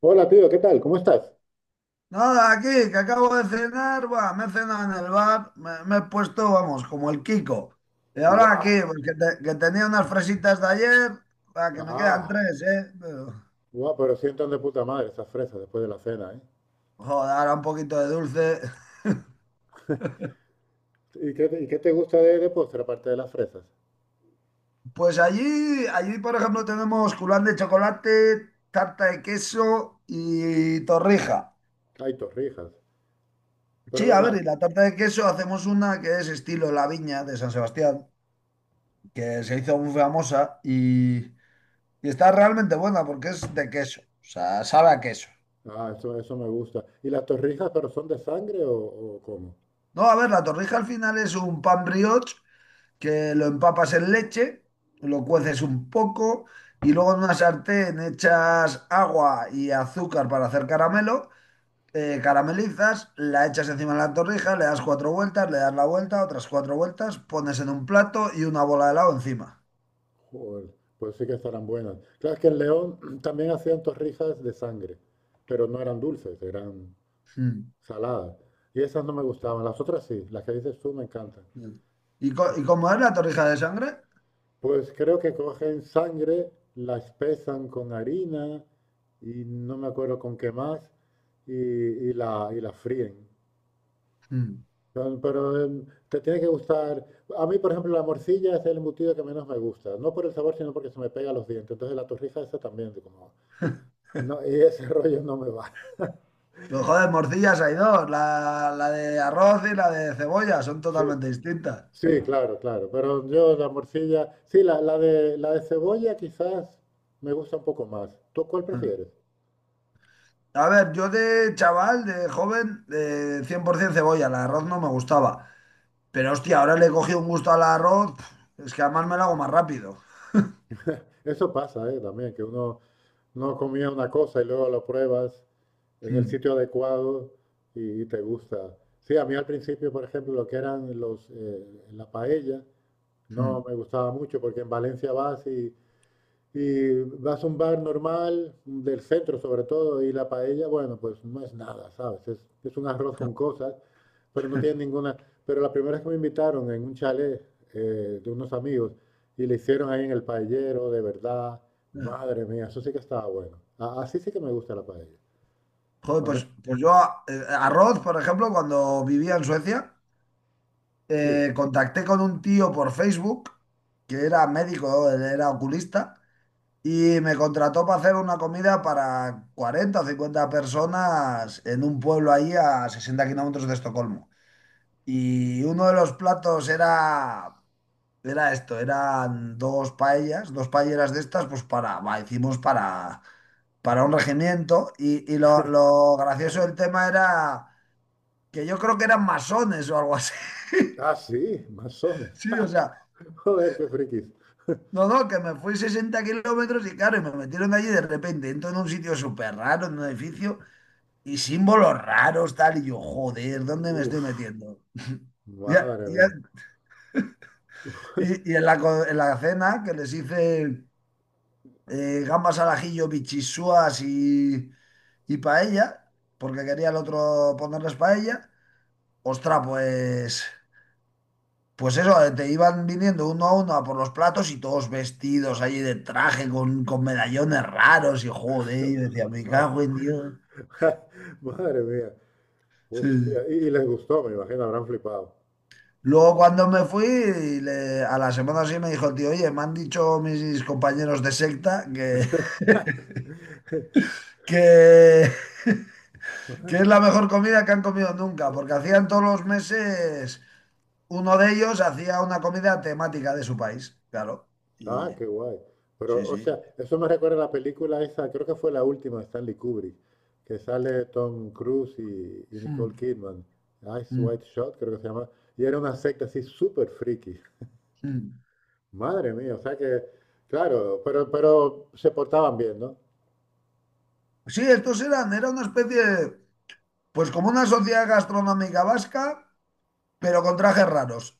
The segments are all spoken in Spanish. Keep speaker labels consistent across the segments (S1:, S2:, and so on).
S1: Hola, tío, ¿qué tal? ¿Cómo estás?
S2: Nada, aquí, que acabo de cenar, buah, me he cenado en el bar, me he puesto, vamos, como el Kiko. Y ahora aquí,
S1: ¡Guau!
S2: pues, que tenía unas fresitas de ayer, buah, que me quedan
S1: Ah,
S2: tres, ¿eh? Pero,
S1: guau, pero sientan de puta madre esas fresas después de la cena, ¿eh?
S2: joder, ahora un poquito de dulce.
S1: Y qué te gusta de postre aparte de las fresas?
S2: Pues allí, por ejemplo, tenemos culán de chocolate, tarta de queso y torrija.
S1: Hay torrijas.
S2: Sí,
S1: Pero
S2: a ver,
S1: las...
S2: y la tarta de queso hacemos una que es estilo La Viña de San Sebastián, que se hizo muy famosa. Y está realmente buena porque es de queso. O sea, sabe a queso.
S1: Ah, eso me gusta. ¿Y las torrijas, pero son de sangre o cómo?
S2: No, a ver, la torrija al final es un pan brioche que lo empapas en leche, lo cueces un poco y luego en una sartén echas agua y azúcar para hacer caramelo. Caramelizas, la echas encima de la torrija, le das cuatro vueltas, le das la vuelta, otras cuatro vueltas, pones en un plato y una bola de helado encima.
S1: Joder, pues sí que estarán buenas. Claro, es que en León también hacían torrijas de sangre, pero no eran dulces, eran
S2: Mm,
S1: saladas. Y esas no me gustaban. Las otras sí, las que dices tú me encantan.
S2: mm. ¿Y, y cómo es la torrija de sangre?
S1: Pues creo que cogen sangre, la espesan con harina y no me acuerdo con qué más y la fríen.
S2: Mm.
S1: Pero te tiene que gustar. A mí, por ejemplo, la morcilla es el embutido que menos me gusta. No por el sabor, sino porque se me pega a los dientes. Entonces la torrija esa también, como... No, y ese rollo no me va.
S2: Pues joder, morcillas hay dos, la de arroz y la de cebolla, son
S1: Sí,
S2: totalmente distintas.
S1: sí, claro, claro. Pero yo la morcilla... Sí, la de cebolla quizás me gusta un poco más. ¿Tú cuál
S2: Hmm.
S1: prefieres?
S2: A ver, yo de chaval, de joven, de 100% cebolla, el arroz no me gustaba. Pero hostia, ahora le he cogido un gusto al arroz, pf, es que además me lo hago más rápido.
S1: Eso pasa, también, que uno no comía una cosa y luego lo pruebas en el
S2: Hmm,
S1: sitio adecuado y te gusta. Sí, a mí al principio, por ejemplo, lo que eran la paella,
S2: hmm,
S1: no me gustaba mucho porque en Valencia vas y vas a un bar normal, del centro sobre todo, y la paella, bueno, pues no es nada, ¿sabes? Es un arroz
S2: hmm.
S1: con cosas, pero no tiene ninguna... Pero la primera vez que me invitaron en un chalet, de unos amigos y le hicieron ahí en el paellero, de verdad,
S2: hmm.
S1: madre mía, eso sí que estaba bueno. Así sí que me gusta la paella.
S2: Joder,
S1: Cuando es-
S2: pues yo arroz, por ejemplo, cuando vivía en Suecia,
S1: Sí.
S2: contacté con un tío por Facebook que era médico, él era oculista. Y me contrató para hacer una comida para 40 o 50 personas en un pueblo ahí a 60 kilómetros de Estocolmo. Y uno de los platos era esto, eran dos paellas, dos paelleras de estas, pues para, va, hicimos para un regimiento. Y lo gracioso del tema era que yo creo que eran masones o algo así.
S1: Ah, sí, masones.
S2: Sí, o sea,
S1: Joder, qué frikis.
S2: no, no, que me fui 60 kilómetros y claro, y me metieron allí de repente, entro en un sitio súper raro, en un edificio. Y símbolos raros, tal, y yo, joder, ¿dónde me estoy
S1: Uf,
S2: metiendo? Ya-
S1: madre
S2: ya-
S1: mía.
S2: y en en la cena que les hice gambas al ajillo, bichisuas y paella, porque quería el otro ponerles paella, ostras, pues eso, te iban viniendo uno a uno a por los platos y todos vestidos allí de traje con medallones raros y joder, yo decía, me
S1: Ma-
S2: cago en Dios.
S1: Madre mía.
S2: Sí,
S1: Hostia,
S2: sí.
S1: y les gustó, me imagino, habrán flipado.
S2: Luego cuando me fui, a la semana sí me dijo el tío, oye, me han dicho mis compañeros de secta que, que, que es la mejor comida que han comido nunca, porque hacían todos los meses, uno de ellos hacía una comida temática de su país, claro. Y
S1: Ah, qué guay.
S2: sí,
S1: Pero, o
S2: sí.
S1: sea, eso me recuerda a la película esa, creo que fue la última de Stanley Kubrick, que sale Tom Cruise y Nicole
S2: Mm,
S1: Kidman. Ice
S2: mm,
S1: White Shot, creo que se llama. Y era una secta así súper friki.
S2: mm.
S1: Madre mía, o sea que, claro, pero se portaban bien, ¿no?
S2: Sí, era una especie, pues como una sociedad gastronómica vasca, pero con trajes raros.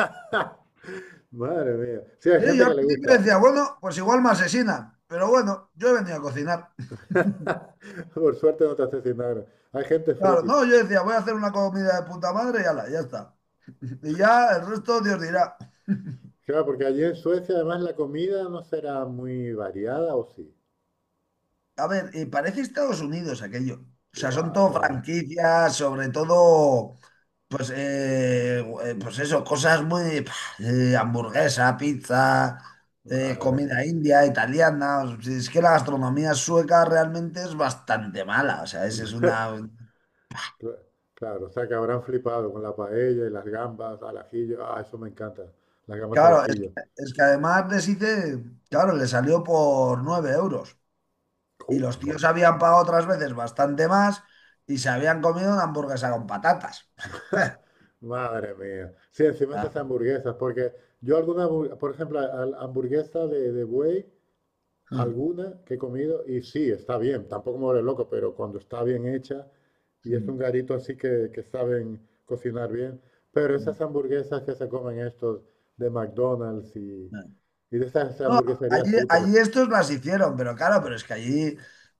S1: Madre mía. Sí, hay
S2: Sí,
S1: gente
S2: yo
S1: que
S2: al
S1: le
S2: principio
S1: gusta.
S2: decía, bueno, pues igual me asesinan, pero bueno, yo he venido a cocinar.
S1: Por suerte no te asesinaron. Hay gente
S2: Claro,
S1: friki.
S2: no, yo decía, voy a hacer una comida de puta madre y ala, ya está. Y ya el resto Dios dirá.
S1: Claro, porque allí en Suecia además la comida no será muy variada, ¿o sí?
S2: A ver, parece Estados Unidos aquello. O sea, son
S1: Buah,
S2: todo
S1: claro,
S2: franquicias, sobre todo, pues, eh, pues eso, cosas muy, pah, hamburguesa, pizza,
S1: madre.
S2: comida india, italiana. O sea, es que la gastronomía sueca realmente es bastante mala. O sea, es una.
S1: Cla- Claro, o sea que habrán flipado con la paella y las gambas al ajillo. Ah, eso me encanta, las gambas al
S2: Claro,
S1: ajillo.
S2: es que además les hice, claro, le salió por 9 euros.
S1: Ju,
S2: Y los
S1: ma-
S2: tíos habían pagado otras veces bastante más y se habían comido una hamburguesa con patatas.
S1: Madre mía. Sí, encima
S2: Ah.
S1: esas hamburguesas, porque yo alguna, por ejemplo, a la hamburguesa de buey.
S2: Mm,
S1: Alguna que he comido y sí, está bien, tampoco me vuelve loco, pero cuando está bien hecha y es un
S2: mm,
S1: garito así que saben cocinar bien, pero
S2: mm,
S1: esas hamburguesas que se comen estos de McDonald's y,
S2: ah.
S1: y de esas
S2: No,
S1: hamburgueserías
S2: allí,
S1: cutres,
S2: allí estos las hicieron, pero claro, pero es que allí,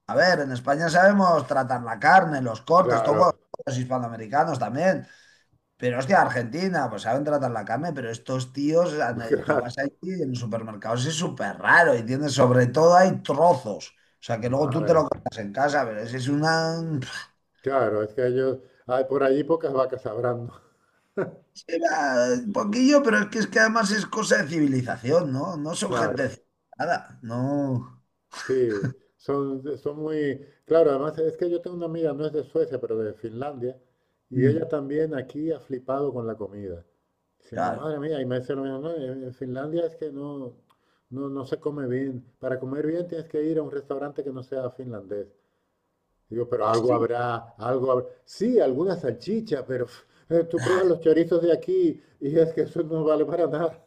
S2: a ver, en España sabemos tratar la carne, los cortes, todos
S1: claro.
S2: los hispanoamericanos también. Pero hostia, Argentina, pues saben tratar la carne, pero estos tíos, anda, y tú vas
S1: Claro,
S2: allí en los supermercados, es súper raro, y tienes, sobre todo hay trozos. O sea, que luego tú te lo
S1: madre,
S2: comes en casa, pero ese es una...
S1: claro, es que ellos, hay por allí pocas vacas sabrán, ¿no?
S2: era. Un poquillo, pero es que además es cosa de civilización, ¿no? No son gente
S1: Claro,
S2: civilizada, no...
S1: sí, son, son muy, claro, además es que yo tengo una amiga, no es de Suecia, pero de Finlandia, y ella
S2: Mm,
S1: también aquí ha flipado con la comida. Siendo
S2: claro.
S1: madre mía, y me decía lo mismo, no, en Finlandia es que no, no, no se come bien. Para comer bien tienes que ir a un restaurante que no sea finlandés. Digo, pero algo
S2: Sí.
S1: habrá, algo habrá. Sí, alguna salchicha, pero tú pruebas los chorizos de aquí y es que eso no vale para nada.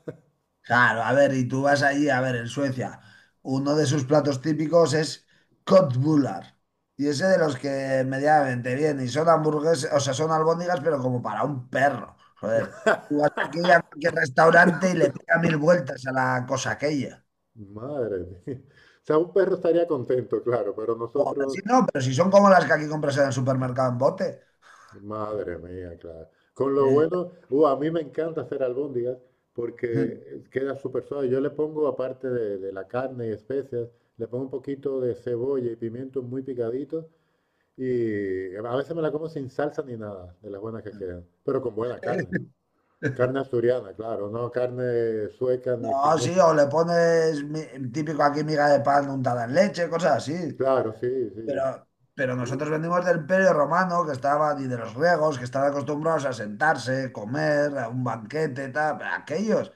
S2: Claro, a ver, y tú vas allí, a ver, en Suecia, uno de sus platos típicos es köttbullar. Y ese de los que medianamente bien, y son hamburguesas, o sea, son albóndigas, pero como para un perro. Joder, tú vas aquí a cualquier restaurante y le pega 1000 vueltas a la cosa aquella.
S1: Madre mía. O sea, un perro estaría contento, claro, pero
S2: Joder, sí,
S1: nosotros
S2: no, pero si son como las que aquí compras en el supermercado en bote.
S1: madre mía, claro. Con lo
S2: Eh,
S1: bueno, a mí me encanta hacer albóndigas porque queda súper suave. Yo le pongo, aparte de la carne y especias, le pongo un poquito de cebolla y pimiento muy picadito y a veces me la como sin salsa ni nada, de las buenas que quedan, pero con buena carne. Carne asturiana, claro, no carne sueca ni
S2: No, sí,
S1: finesa.
S2: o le pones típico aquí miga de pan untada en leche, cosas así.
S1: Claro, sí, sí.
S2: Pero, pero
S1: Uf.
S2: nosotros venimos del Imperio Romano, que estaban, y de los griegos, que estaban acostumbrados a sentarse, comer, a un banquete, tal. Pero aquellos,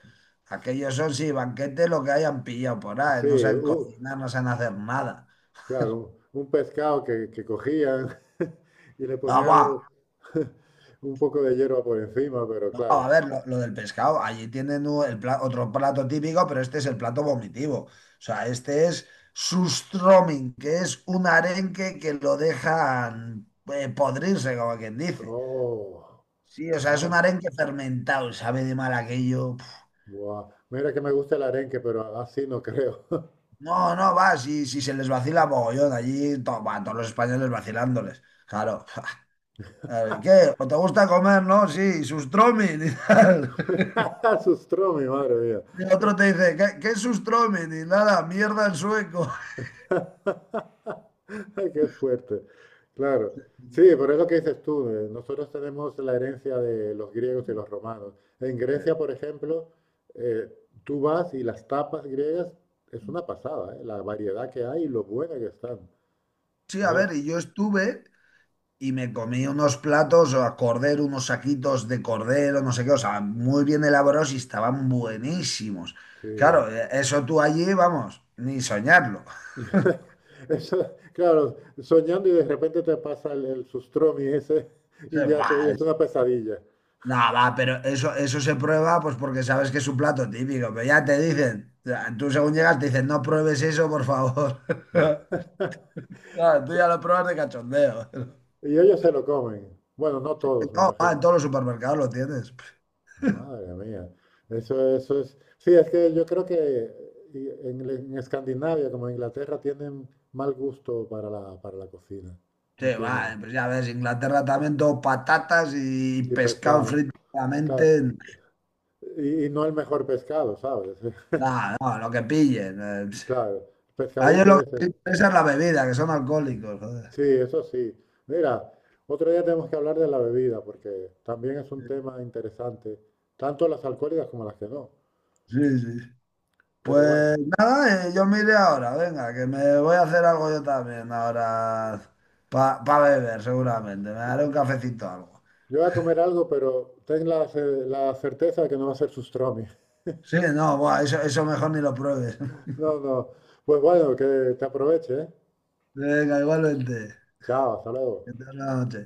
S2: aquellos son, sí, banquete lo que hayan pillado por ahí,
S1: Sí,
S2: no saben
S1: u-
S2: cocinar, no saben hacer nada.
S1: claro, un pescado que cogían y le
S2: Ah,
S1: ponían
S2: guau,
S1: algo, un poco de hierba por encima, pero
S2: guau,
S1: claro.
S2: a ver, lo del pescado, allí tienen otro plato típico, pero este es el plato vomitivo. O sea, este es sustroming, que es un arenque que lo dejan podrirse, como quien dice.
S1: Oh,
S2: Sí, o sea, es un
S1: madre.
S2: arenque fermentado, sabe de mal aquello. Puf.
S1: Buah. Mira que me gusta el arenque, pero así no creo.
S2: No, no, va, si se les vacila mogollón allí, va, todos los españoles vacilándoles. Claro. A ver, ¿qué? ¿O te gusta comer, no? Sí, sustromin y tal.
S1: Sus mi madre mía.
S2: Y el otro te dice, qué es sustromin? Y nada, mierda en sueco.
S1: Qué fuerte. Claro. Sí, pero es lo que dices tú. Nosotros tenemos la herencia de los griegos y los romanos. En Grecia, por ejemplo, eh, tú vas y las tapas griegas es una pasada, la variedad que hay y lo buena que están.
S2: Sí, a
S1: Entonces,
S2: ver, y yo estuve, y me comí unos platos o a cordero, unos saquitos de cordero, no sé qué, o sea, muy bien elaborados y estaban buenísimos.
S1: sí.
S2: Claro, eso tú allí, vamos, ni soñarlo.
S1: Eso, claro, soñando y de repente te pasa el sustromi ese y
S2: Se-
S1: ya te, y
S2: bah,
S1: es
S2: es-
S1: una pesadilla.
S2: no, va, pero eso se prueba pues porque sabes que es un plato típico, pero ya te dicen, o tú según llegas te dicen, no pruebes eso, por favor. Claro, tú ya lo pruebas de cachondeo.
S1: Y ellos se lo comen. Bueno, no todos, me
S2: No, va, en
S1: imagino.
S2: todos los supermercados lo tienes.
S1: Madre mía, eso es. Sí, es que yo creo que y en Escandinavia, como en Inglaterra, tienen mal gusto para para la cocina.
S2: Sí,
S1: No
S2: va,
S1: tienen.
S2: pues ya ves, Inglaterra también todo patatas y
S1: Y
S2: pescado
S1: pescado,
S2: frito
S1: claro.
S2: solamente.
S1: Y no el mejor pescado, ¿sabes?
S2: No, no, lo que pillen.
S1: Claro,
S2: A ellos
S1: pescadito
S2: lo
S1: ese.
S2: que les interesa es la bebida, que son alcohólicos, joder.
S1: Sí, eso sí. Mira, otro día tenemos que hablar de la bebida, porque también es un tema interesante, tanto las alcohólicas como las que no.
S2: Sí, sí.
S1: Pero
S2: Pues
S1: bueno,
S2: nada, yo me iré ahora, venga, que me voy a hacer algo yo también ahora para beber, seguramente. Me haré un cafecito o algo.
S1: yo voy a comer algo, pero ten la certeza de que no va a ser sustromi.
S2: Sí, no, buah, eso mejor ni lo pruebes.
S1: No, no. Pues bueno, que te aproveche, ¿eh?
S2: Venga, igualmente.
S1: Chao, hasta luego.
S2: Que tengas buena noche.